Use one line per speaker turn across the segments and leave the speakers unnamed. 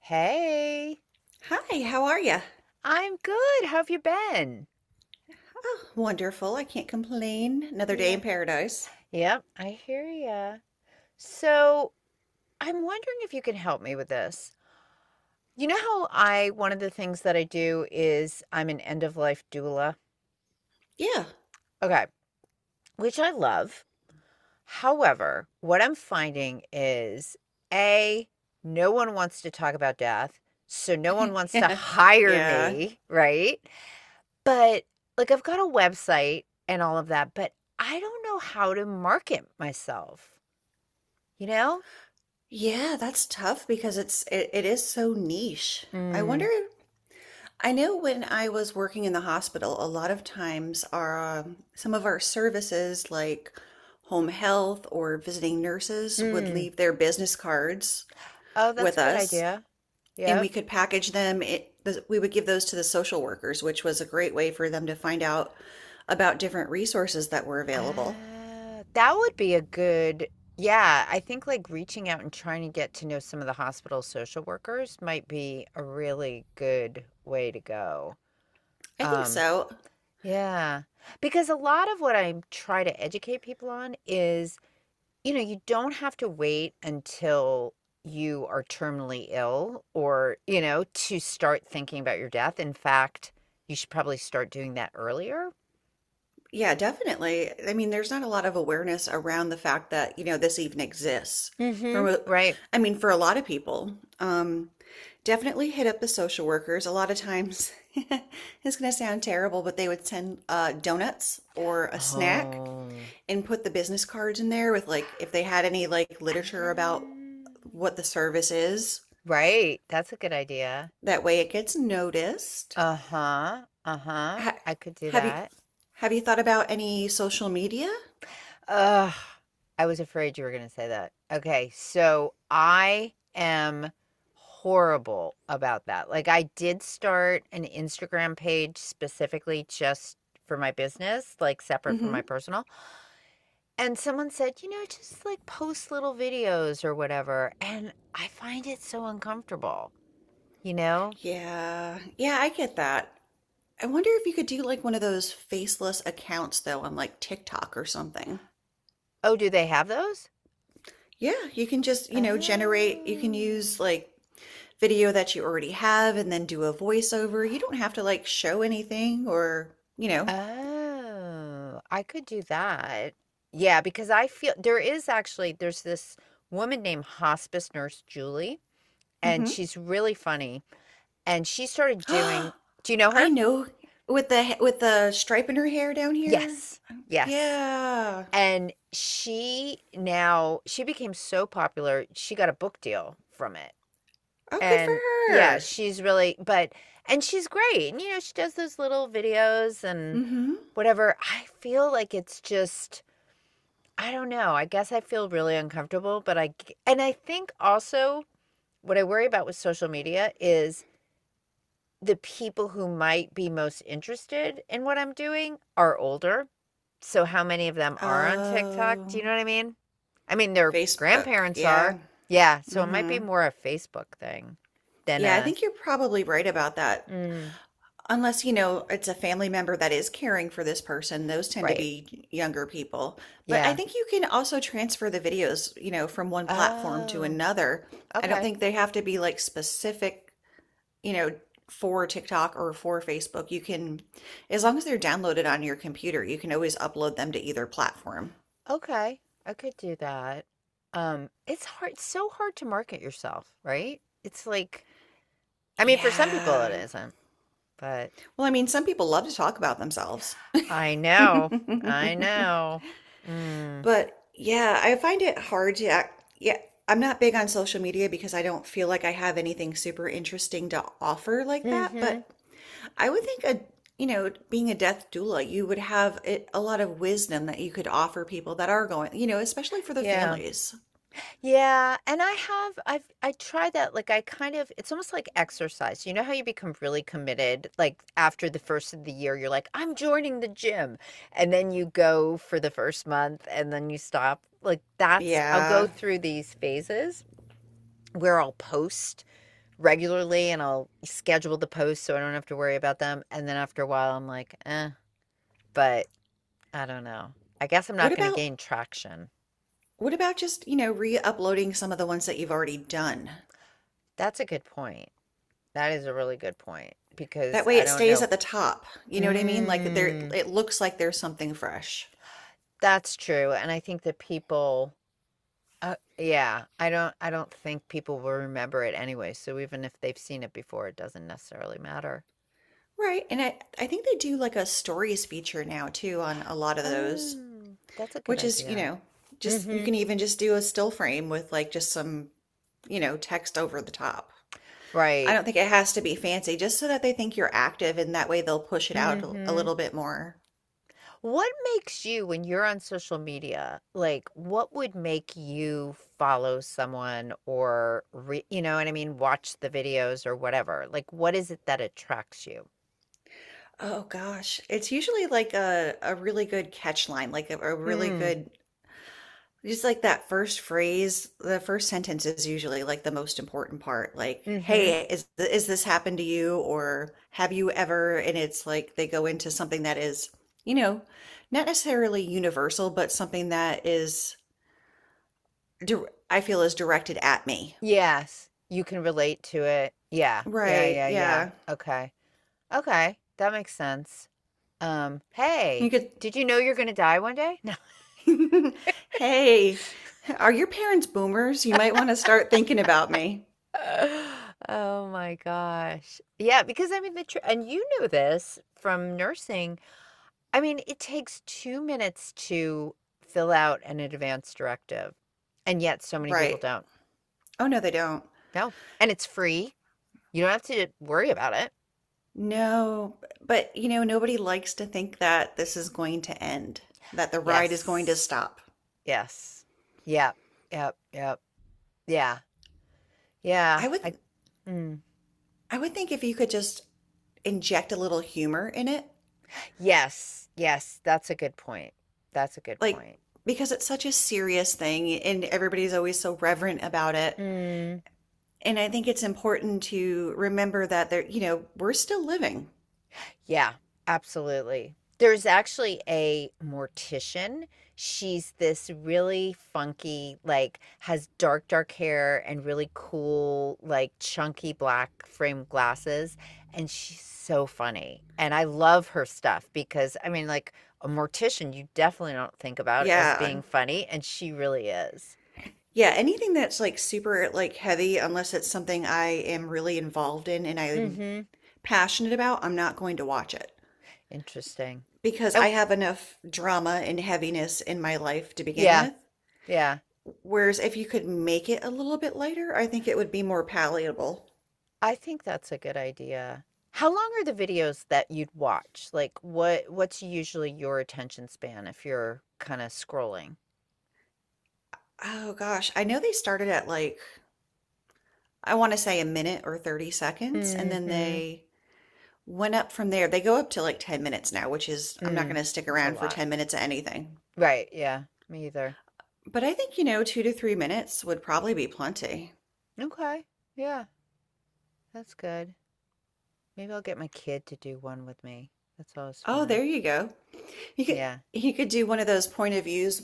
Hey,
Hi, how are you?
I'm good. How have you been?
Oh, wonderful. I can't complain. Another day in
Yeah.
paradise.
Yep, I hear ya. So, I'm wondering if you can help me with this. You know how one of the things that I do is I'm an end of life doula?
Yeah.
Okay, which I love. However, what I'm finding is A, no one wants to talk about death. So, no one wants to
Yeah.
hire
Yeah.
me, right? But, like, I've got a website and all of that, but I don't know how to market myself, you know?
Yeah, that's tough because it is so niche. I wonder,
Mm.
I know when I was working in the hospital, a lot of times our some of our services like home health or visiting nurses would
Mm.
leave their business cards
Oh, that's
with
a good
us
idea.
and
Yep.
we could package them. It We would give those to the social workers, which was a great way for them to find out about different resources that were available.
That would be a good Yeah, I think, like, reaching out and trying to get to know some of the hospital social workers might be a really good way to go.
I think
Um,
so.
yeah, because a lot of what I try to educate people on is, you know, you don't have to wait until you are terminally ill to start thinking about your death. In fact, you should probably start doing that earlier,
Yeah, definitely. I mean, there's not a lot of awareness around the fact that, you know, this even exists.
mhm,
For
right?
I mean, for a lot of people, definitely hit up the social workers. A lot of times, it's going to sound terrible, but they would send donuts or a snack
Oh.
and put the business cards in there with, like, if
Ah.
they had any like literature about what the service is.
Right, that's a good idea.
That way it gets noticed.
Uh-huh, uh-huh,
Ha-
I could do
have you
that.
have you thought about any social media?
Ugh, I was afraid you were going to say that. Okay, so I am horrible about that. Like, I did start an Instagram page specifically just for my business, like separate from my
Mm-hmm.
personal. And someone said, just like post little videos or whatever. And I find it so uncomfortable, you know?
Yeah. Yeah, I get that. I wonder if you could do like one of those faceless accounts though on like TikTok or something.
Oh, do they have those?
Yeah, you can just, you know, generate, you can use
Oh.
like video that you already have and then do a voiceover. You don't have to like show anything or, you know.
Oh, I could do that. Yeah, because I feel there is actually there's this woman named hospice nurse Julie, and
Hmm.
she's really funny. And do you know
I
her?
know with the stripe in her hair down here.
Yes. Yes.
Yeah.
And she became so popular, she got a book deal from it.
Oh, good for
And yeah,
her.
she's really but and she's great. And she does those little videos and
Mm-hmm.
whatever. I feel like it's just I don't know. I guess I feel really uncomfortable, but I think also what I worry about with social media is the people who might be most interested in what I'm doing are older. So how many of them are on TikTok? Do you
Oh,
know what I mean? I mean, their
Facebook.
grandparents are.
Yeah.
Yeah, so it might be
Mm-hmm.
more a Facebook thing than
Yeah, I
a
think you're probably right about that.
mm,
Unless, you know, it's a family member that is caring for this person, those tend to
right.
be younger people. But I
Yeah.
think you can also transfer the videos, you know, from one platform to
Oh,
another. I don't
okay.
think they have to be like specific, you know, for TikTok or for Facebook, you can, as long as they're downloaded on your computer, you can always upload them to either platform.
Okay, I could do that. It's hard, it's so hard to market yourself, right? It's like I mean, for some people it
Yeah.
isn't, but
Well, I mean, some people love to talk about themselves.
I know. I know. Mm.
But yeah, I find it hard to act. Yeah, I'm not big on social media because I don't feel like I have anything super interesting to offer like that.
Mhm.
But I would think a, you know, being a death doula, you would have it, a lot of wisdom that you could offer people that are going, you know, especially for the
Yeah.
families.
Yeah, and I tried that. Like, I kind of it's almost like exercise. You know how you become really committed like after the first of the year you're like, "I'm joining the gym." And then you go for the first month and then you stop. Like that's I'll go
Yeah.
through these phases where I'll post regularly, and I'll schedule the posts so I don't have to worry about them. And then after a while, I'm like, eh, but I don't know. I guess I'm
What
not going to
about
gain traction.
what about just, you know, re-uploading some of the ones that you've already done?
That's a good point. That is a really good point
That
because
way
I
it
don't
stays
know.
at the top. You know what I mean? Like there
Mm,
it looks like there's something fresh.
that's true. And I think that people. Yeah, I don't think people will remember it anyway. So even if they've seen it before, it doesn't necessarily matter.
Right. And I think they do like a stories feature now too on a lot of those,
Oh, that's a good
which is, you
idea.
know, just you
Mm-hmm.
can even just do a still frame with like just some, you know, text over the top. I
Right.
don't think it has to be fancy, just so that they think you're active and that way they'll push it out a
Mm-hmm.
little bit more.
What makes you, when you're on social media, like what would make you follow someone you know what I mean, watch the videos or whatever? Like, what is it that attracts you?
Oh gosh, it's usually like a really good catch line, like a really
Mm,
good just like that first phrase, the first sentence is usually like the most important part. Like,
mm-hmm.
hey, is this happened to you or have you ever? And it's like they go into something that is, you know, not necessarily universal, but something that is I feel is directed at me.
Yes, you can relate to it. Yeah, yeah,
Right,
yeah, yeah.
yeah.
Okay, okay, that makes sense.
You
Hey,
could
did you know you're gonna die one day?
hey, are your parents boomers? You might want to start thinking about me.
No. Oh my gosh. Yeah, because I mean the tr and you know this from nursing. I mean, it takes 2 minutes to fill out an advance directive, and yet so many people
Right.
don't.
Oh, no, they don't.
No, and it's free. You don't have to worry about it.
No, but you know, nobody likes to think that this is going to end, that the ride is going to
Yes.
stop.
Yes. Yep. Yep. Yep. Yeah. Yeah.
I would
I mm.
I would think if you could just inject a little humor in it,
Yes. Yes. That's a good point. That's a good
like
point.
because it's such a serious thing and everybody's always so reverent about it.
Mm.
And I think it's important to remember that there, you know, we're still living.
Yeah, absolutely. There's actually a mortician. She's this really funky, like, has dark, dark hair and really cool, like, chunky black framed glasses. And she's so funny. And I love her stuff because, I mean, like, a mortician you definitely don't think about as
Yeah.
being funny. And she really is.
Yeah, anything that's like super like heavy, unless it's something I am really involved in and
Mm
I'm
hmm.
passionate about, I'm not going to watch it
Interesting.
because
Oh,
I have enough drama and heaviness in my life to begin
yeah.
with.
Yeah.
Whereas if you could make it a little bit lighter, I think it would be more palatable.
I think that's a good idea. How long are the videos that you'd watch? Like, what's usually your attention span if you're kinda scrolling?
Oh gosh, I know they started at like, I want to say a minute or 30 seconds, and then
Mhm.
they went up from there. They go up to like 10 minutes now, which is, I'm not going
Mm.
to stick
It's a
around for
lot.
10 minutes of anything.
Right, yeah, me either.
But I think, you know, 2 to 3 minutes would probably be plenty.
Okay. Yeah, that's good. Maybe I'll get my kid to do one with me. That's always
Oh,
fun.
there you go. He could
Yeah.
he could do one of those point of views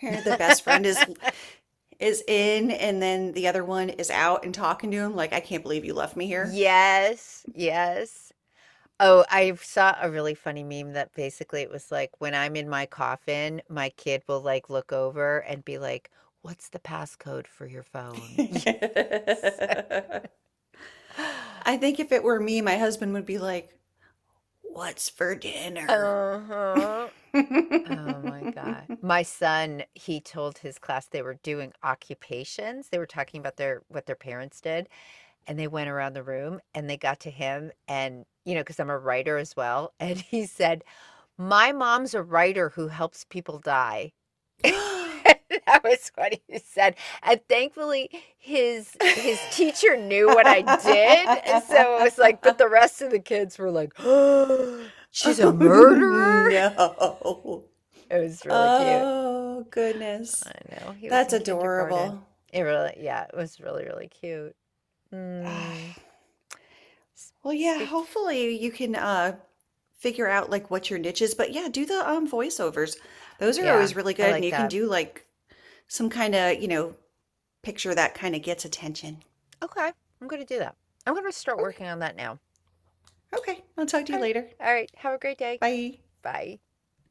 where the best friend is in and then the other one is out and talking to him like I can't believe you left me here.
Yes, yes. Oh, I saw a really funny meme that basically it was like, "When I'm in my coffin, my kid will, like, look over and be like, 'What's the passcode for your phone?'" Yes.
I think if it were me, my husband would be like, "What's for dinner?"
Uh-huh. Oh my god. My son, he told his class they were doing occupations. They were talking about their what their parents did, and they went around the room, and they got to him. And you know, because 'cause I'm a writer as well, and he said, "My mom's a writer who helps people die." That was what he said, and thankfully, his teacher knew what I did, so it was like, but the rest of the kids were like, oh, "She's a
Oh
murderer?"
no.
It was really cute.
Oh goodness.
I know. He was
That's
in kindergarten.
adorable.
It really, yeah, it was really, really cute. Mm.
Well, yeah,
Speak.
hopefully you can figure out like what your niche is, but yeah, do the voiceovers. Those are
Yeah,
always really
I
good and
like
you can
that.
do like some kind of, you know, picture that kind of gets attention.
Okay, I'm gonna do that. I'm gonna start
Okay.
working on that now.
Okay. I'll talk to
All
you
right.
later.
All right. Have a great day.
Bye.
Bye.